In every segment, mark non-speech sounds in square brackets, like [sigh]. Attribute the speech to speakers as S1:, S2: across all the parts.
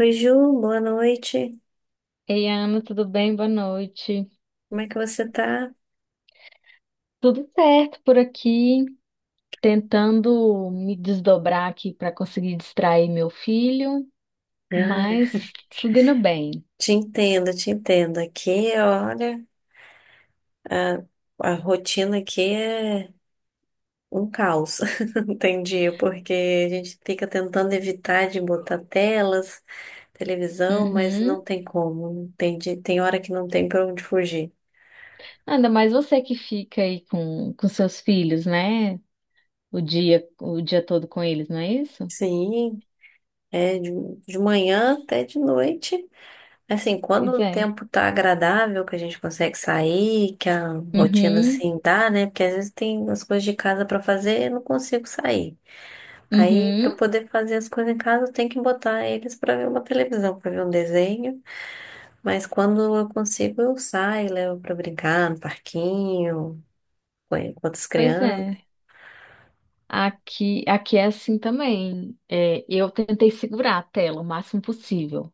S1: Oi, Ju, boa noite.
S2: Ei, Ana, tudo bem? Boa noite.
S1: Como é que você tá?
S2: Tudo certo por aqui, tentando me desdobrar aqui para conseguir distrair meu filho,
S1: Ah,
S2: mas tudo indo bem.
S1: te entendo, te entendo. Aqui, olha, a, a rotina aqui é um caos. [laughs] Não tem dia, porque a gente fica tentando evitar de botar telas, televisão, mas não
S2: Uhum.
S1: tem como. Não tem. Tem hora que não tem pra onde fugir.
S2: Ainda mais você que fica aí com seus filhos, né? O dia todo com eles, não é isso?
S1: Sim, é de manhã até de noite. Assim, quando
S2: Pois
S1: o
S2: é.
S1: tempo tá agradável, que a gente consegue sair, que a rotina
S2: Uhum,
S1: assim dá, né? Porque às vezes tem as coisas de casa pra fazer e eu não consigo sair. Aí, pra eu
S2: uhum.
S1: poder fazer as coisas em casa, eu tenho que botar eles pra ver uma televisão, pra ver um desenho. Mas quando eu consigo, eu saio, levo pra brincar no parquinho, com outras
S2: Pois
S1: crianças.
S2: é. Aqui é assim também. É, eu tentei segurar a tela o máximo possível.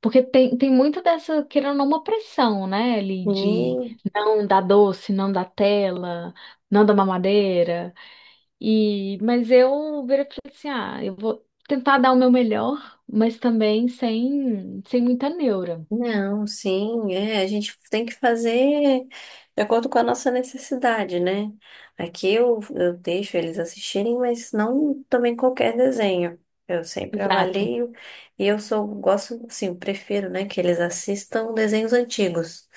S2: Porque tem muito dessa, querendo ou não, uma pressão, né, ali de
S1: E
S2: não dar doce, não dar tela, não dar mamadeira. E, mas eu virei e falei assim, ah, eu vou tentar dar o meu melhor, mas também sem muita neura.
S1: Não, sim, é, a gente tem que fazer de acordo com a nossa necessidade, né? Aqui eu deixo eles assistirem, mas não também qualquer desenho. Eu sempre
S2: Exato.
S1: avalio e eu sou, gosto, assim, prefiro, né, que eles assistam desenhos antigos.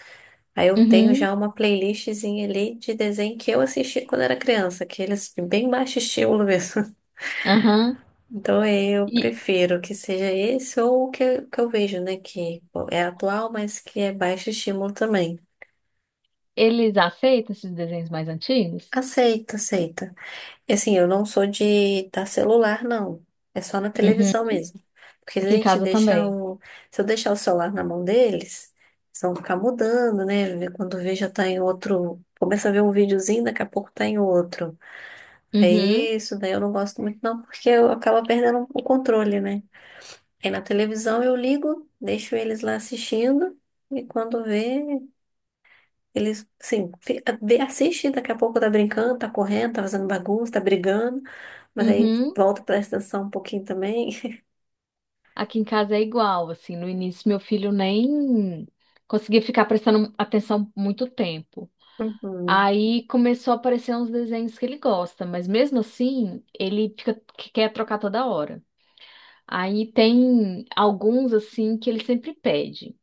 S1: Aí eu tenho
S2: Uhum,
S1: já uma playlistzinha ali de desenho que eu assisti quando era criança, que eles bem baixo estilo mesmo.
S2: aham.
S1: Então eu
S2: E
S1: prefiro que seja esse ou o que, que eu vejo, né? Que é atual, mas que é baixo estímulo também.
S2: eles aceitam esses desenhos mais antigos?
S1: Aceita, aceita. E assim, eu não sou de dar celular, não. É só na
S2: Uhum.
S1: televisão mesmo. Porque se a
S2: Aqui em
S1: gente
S2: casa
S1: deixar
S2: também.
S1: o. Se eu deixar o celular na mão deles, eles vão ficar mudando, né? Quando vê já tá em outro. Começa a ver um videozinho, daqui a pouco tá em outro. É
S2: Uhum,
S1: isso, daí eu não gosto muito, não, porque eu acabo perdendo o controle, né? Aí na televisão eu ligo, deixo eles lá assistindo, e quando vê, eles, assim, assiste, daqui a pouco tá brincando, tá correndo, tá fazendo bagunça, tá brigando, mas aí
S2: uhum.
S1: volta, presta atenção um pouquinho também. [laughs]
S2: Aqui em casa é igual, assim, no início meu filho nem conseguia ficar prestando atenção muito tempo.
S1: Uhum.
S2: Aí começou a aparecer uns desenhos que ele gosta, mas mesmo assim, ele fica que quer trocar toda hora. Aí tem alguns assim que ele sempre pede.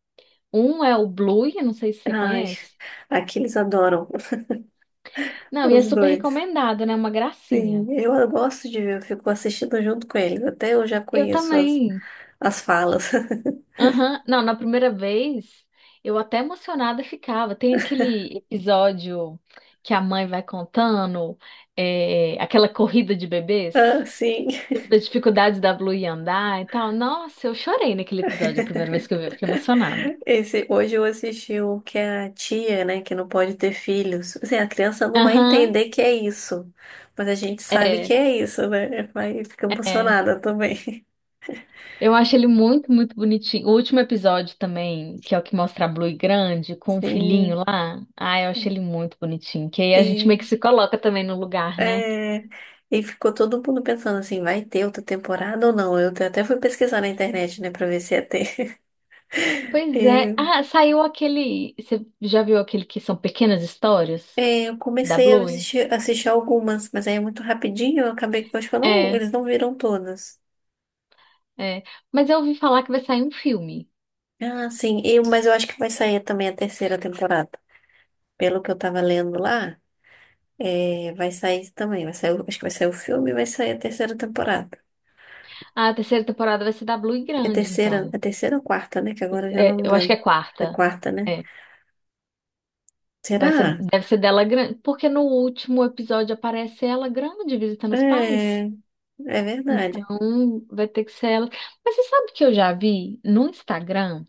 S2: Um é o Blue, eu não sei se você
S1: Ai,
S2: conhece.
S1: aqui eles adoram, [laughs]
S2: Não, e é
S1: os
S2: super
S1: dois.
S2: recomendado, né? Uma
S1: Sim,
S2: gracinha.
S1: eu gosto de ver, eu fico assistindo junto com eles, até eu já
S2: Eu
S1: conheço as,
S2: também.
S1: as falas. [laughs]
S2: Aham. Não, na primeira vez eu até emocionada ficava. Tem aquele episódio que a mãe vai contando, é, aquela corrida de
S1: Ah,
S2: bebês,
S1: sim.
S2: tipo, das dificuldades da Blue em andar e tal. Nossa, eu chorei naquele episódio, a primeira vez que eu vi, eu fiquei emocionada.
S1: Esse, hoje eu assisti o que a tia, né, que não pode ter filhos. Assim, a criança não vai
S2: Aham,
S1: entender que é isso, mas a gente sabe que
S2: é,
S1: é isso, né? Vai, fica
S2: é.
S1: emocionada também.
S2: Eu acho ele muito, muito bonitinho. O último episódio também, que é o que mostra a Blue grande
S1: [laughs]
S2: com o filhinho
S1: Sim.
S2: lá. Ah, eu achei ele muito bonitinho. Que aí a gente meio que
S1: E,
S2: se coloca também no lugar, né?
S1: é, e ficou todo mundo pensando assim, vai ter outra temporada ou não? Eu até fui pesquisar na internet, né, pra ver se ia ter.
S2: Pois é.
S1: [laughs]
S2: Ah, saiu aquele. Você já viu aquele que são pequenas histórias
S1: Eu
S2: da
S1: comecei a
S2: Bluey?
S1: assistir, assistir algumas, mas aí é muito rapidinho, eu acabei que eu acho que eu não,
S2: É,
S1: eles não viram todas.
S2: é. Mas eu ouvi falar que vai sair um filme.
S1: Ah, sim. Mas eu acho que vai sair também a terceira temporada. Pelo que eu tava lendo lá, vai sair também. Vai sair, acho que vai sair o filme e vai sair a terceira temporada.
S2: A terceira temporada vai ser da Bluey grande, então.
S1: É terceira ou quarta, né? Que agora eu já
S2: É,
S1: não me
S2: eu acho que é
S1: lembro. É
S2: quarta.
S1: quarta, né?
S2: É. Vai ser,
S1: Será?
S2: deve ser dela grande. Porque no último episódio aparece ela grande visitando os
S1: É,
S2: pais.
S1: é verdade.
S2: Então vai ter que ser ela. Mas você sabe que eu já vi no Instagram?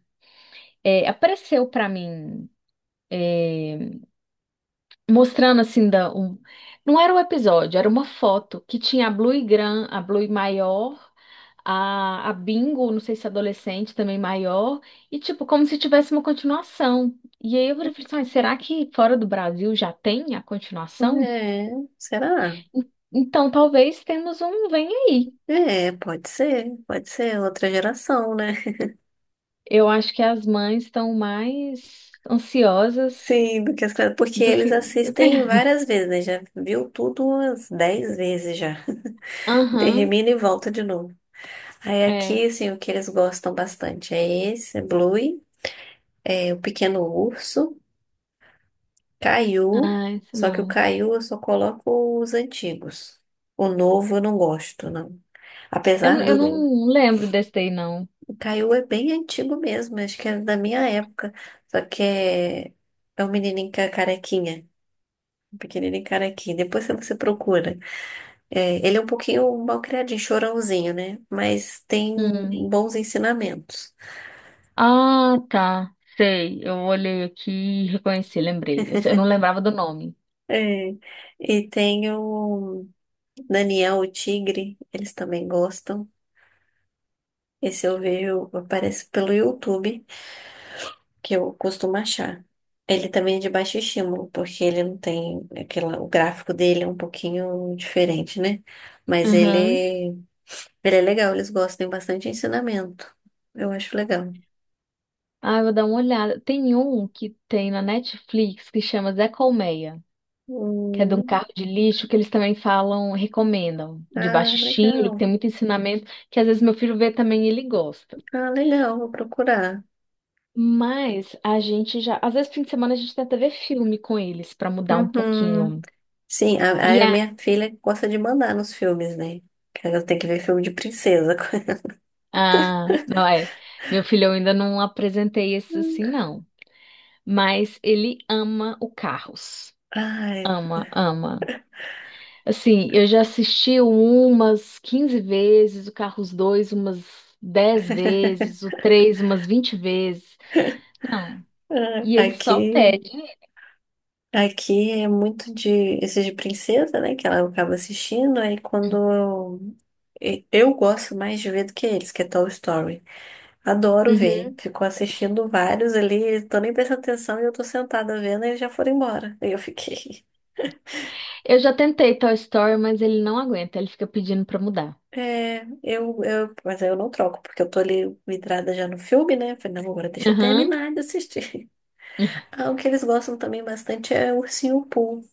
S2: É, apareceu pra mim. É, mostrando assim da um, não era um episódio, era uma foto que tinha a Blue maior, a Bingo, não sei se é adolescente também maior, e tipo como se tivesse uma continuação. E aí eu falei assim, "Ai, será que fora do Brasil já tem a continuação?
S1: É, será?
S2: Então talvez temos um vem aí.
S1: É, pode ser outra geração, né?
S2: Eu acho que as mães estão mais ansiosas
S1: Sim, do que as crianças, porque
S2: do
S1: eles
S2: que,
S1: assistem
S2: [laughs]
S1: várias vezes, né? Já viu tudo umas 10 vezes já.
S2: Aham,
S1: Termina e volta de novo. Aí
S2: é.
S1: aqui, assim, o que eles gostam bastante é esse, é Bluey, é o Pequeno Urso, Caiu,
S2: Ah, isso
S1: só que o
S2: não.
S1: Caiu eu só coloco os antigos. O novo eu não gosto, não. Apesar
S2: Eu
S1: do...
S2: não lembro desse daí, não.
S1: O Caiu é bem antigo mesmo, acho que é da minha época. Só que é um menininho carequinha, um pequenininho carequinha. Depois você procura. É, ele é um pouquinho mal criadinho, chorãozinho, né? Mas tem
S2: Hum.
S1: bons ensinamentos.
S2: Ah, tá. Sei. Eu olhei aqui e reconheci, lembrei. Eu não lembrava do nome.
S1: É, e tem o Daniel, o tigre, eles também gostam. Esse eu vejo, aparece pelo YouTube, que eu costumo achar. Ele também é de baixo estímulo, porque ele não tem aquela, o gráfico dele é um pouquinho diferente, né? Mas
S2: Aham.
S1: ele é legal, eles gostam, tem bastante ensinamento. Eu acho legal.
S2: Ah, eu vou dar uma olhada. Tem um que tem na Netflix que chama Zé Colmeia, que é de um
S1: Hum,
S2: carro de lixo que eles também falam, recomendam, de
S1: ah,
S2: baixo estímulo, que
S1: legal.
S2: tem muito ensinamento, que às vezes meu filho vê também e ele gosta.
S1: Ah, legal, vou procurar.
S2: Mas a gente já, às vezes fim de semana a gente tenta ver filme com eles pra mudar um
S1: Uhum.
S2: pouquinho.
S1: Sim,
S2: E
S1: a
S2: a,
S1: minha filha gosta de mandar nos filmes, né? Que ela tem que ver filme de princesa.
S2: ah, não é, meu filho eu ainda não apresentei esse
S1: [laughs]
S2: assim não. Mas ele ama o Carros.
S1: Ai,
S2: Ama, ama. Assim, eu já assisti umas 15 vezes, o Carros 2, umas 10 vezes, o 3, umas 20 vezes. Não.
S1: ah,
S2: E ele só
S1: aqui,
S2: pede.
S1: aqui é muito de esses de princesa, né? Que ela acaba assistindo. Aí eu gosto mais de ver do que eles, que é Toy Story. Adoro ver.
S2: Uhum.
S1: Ficou assistindo vários ali, eles estão nem prestando atenção e eu tô sentada vendo e eles já foram embora. Aí eu fiquei. [laughs]
S2: Eu já tentei Toy Story, mas ele não aguenta, ele fica pedindo pra mudar.
S1: É, mas aí eu não troco, porque eu tô ali vidrada já no filme, né? Falei, não, agora deixa eu
S2: Aham.
S1: terminar de assistir. [laughs] Ah, o que eles gostam também bastante é o Ursinho Pooh.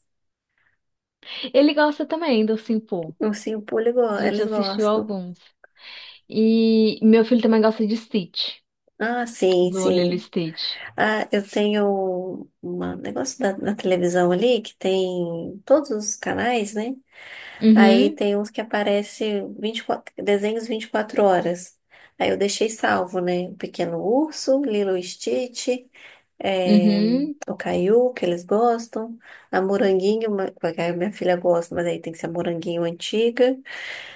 S2: Ele gosta também do Simple.
S1: O Ursinho Pooh,
S2: A gente
S1: eles
S2: assistiu
S1: gostam.
S2: alguns. E meu filho também gosta de Stitch,
S1: Ah, sim,
S2: do Lilo e
S1: sim.
S2: Stitch.
S1: Ah, eu tenho um negócio da, na televisão ali que tem todos os canais, né? Aí
S2: Uhum,
S1: tem uns que aparece 24, desenhos 24 horas. Aí eu deixei salvo, né? O Pequeno Urso, Lilo e Stitch, eh,
S2: uhum,
S1: o Caiu, que eles gostam, a Moranguinho, que a minha filha gosta, mas aí tem que ser a Moranguinho antiga.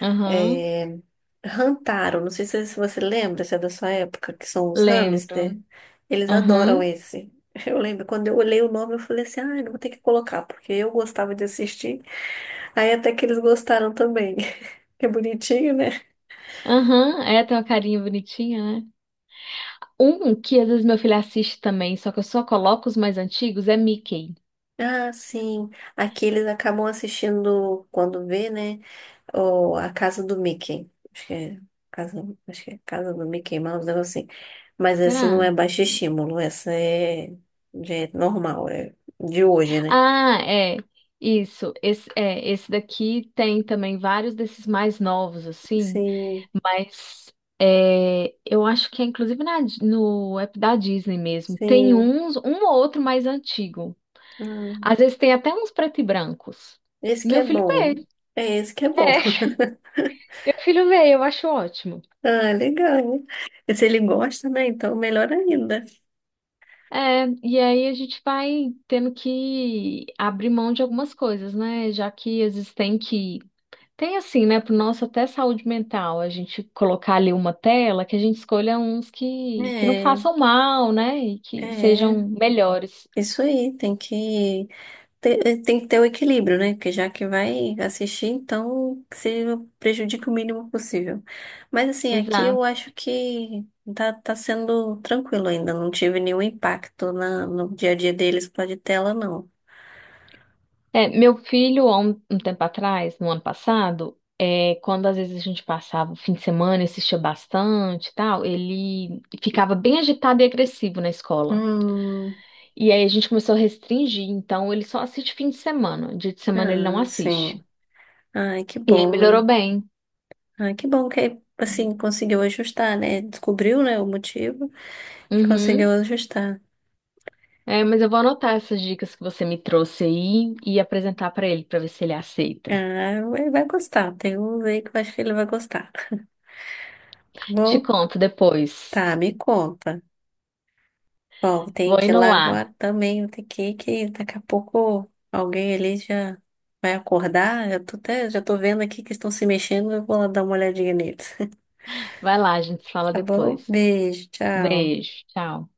S2: aham.
S1: eh, Rantaro, não sei se você lembra, se é da sua época, que são os
S2: Lembro.
S1: hamster. Eles adoram
S2: Aham.
S1: esse. [laughs] Eu lembro, quando eu olhei o nome, eu falei assim, ah, eu vou ter que colocar, porque eu gostava de assistir. Aí até que eles gostaram também. [laughs] Que bonitinho, né?
S2: Aham. É, tem uma carinha bonitinha, né? Um que às vezes meu filho assiste também, só que eu só coloco os mais antigos, é Mickey.
S1: Ah, sim. Aqui eles acabam assistindo, quando vê, né? O, a Casa do Mickey. Acho que é Casa, acho que é Casa do Mickey Mouse, um negócio assim. Mas essa não é
S2: Será?
S1: baixo estímulo, essa é, já é normal, é de hoje, né?
S2: Ah, é. Isso. Esse, é, esse daqui tem também vários desses mais novos, assim.
S1: Sim.
S2: Mas é, eu acho que é inclusive na no app da Disney mesmo. Tem
S1: Sim.
S2: uns, um ou outro mais antigo.
S1: Hum,
S2: Às vezes tem até uns preto e brancos.
S1: esse que
S2: Meu
S1: é
S2: filho vê.
S1: bom. É esse que é bom.
S2: É,
S1: [laughs]
S2: [laughs] meu filho vê, eu acho ótimo.
S1: Ah, legal. E se ele gosta, né? Então, melhor ainda.
S2: É, e aí a gente vai tendo que abrir mão de algumas coisas, né? Já que às vezes tem que. Tem assim, né? Pro nosso até saúde mental, a gente colocar ali uma tela que a gente escolha uns que não
S1: É,
S2: façam mal, né? E que
S1: é.
S2: sejam melhores.
S1: Isso aí, tem que ter o equilíbrio, né? Porque já que vai assistir, então que se prejudique o mínimo possível. Mas assim, aqui eu
S2: Exato.
S1: acho que tá sendo tranquilo ainda. Não tive nenhum impacto na, no dia a dia deles com a de tela, não.
S2: É, meu filho, há um tempo atrás, no ano passado, é, quando às vezes a gente passava o fim de semana e assistia bastante e tal, ele ficava bem agitado e agressivo na escola.
S1: Hum,
S2: E aí a gente começou a restringir, então ele só assiste fim de semana. Dia de semana ele não
S1: ah, sim.
S2: assiste.
S1: Ai, que
S2: E aí
S1: bom, né?
S2: melhorou bem.
S1: Ah, que bom que, assim, conseguiu ajustar, né? Descobriu, né, o motivo e
S2: Uhum.
S1: conseguiu ajustar.
S2: É, mas eu vou anotar essas dicas que você me trouxe aí e apresentar pra ele pra ver se ele aceita.
S1: Ah, ele vai gostar. Tem um aí que eu acho que ele vai gostar. Tá
S2: Te
S1: bom?
S2: conto depois.
S1: Tá, me conta. Bom, tem
S2: Vou
S1: que ir
S2: indo
S1: lá
S2: lá.
S1: agora também. Tem que ir, que daqui a pouco alguém ali já vai acordar. Já tô até, já tô vendo aqui que estão se mexendo. Eu vou lá dar uma olhadinha neles. [laughs]
S2: Vai lá, a gente se fala
S1: Tá bom?
S2: depois.
S1: Beijo, tchau.
S2: Beijo, tchau.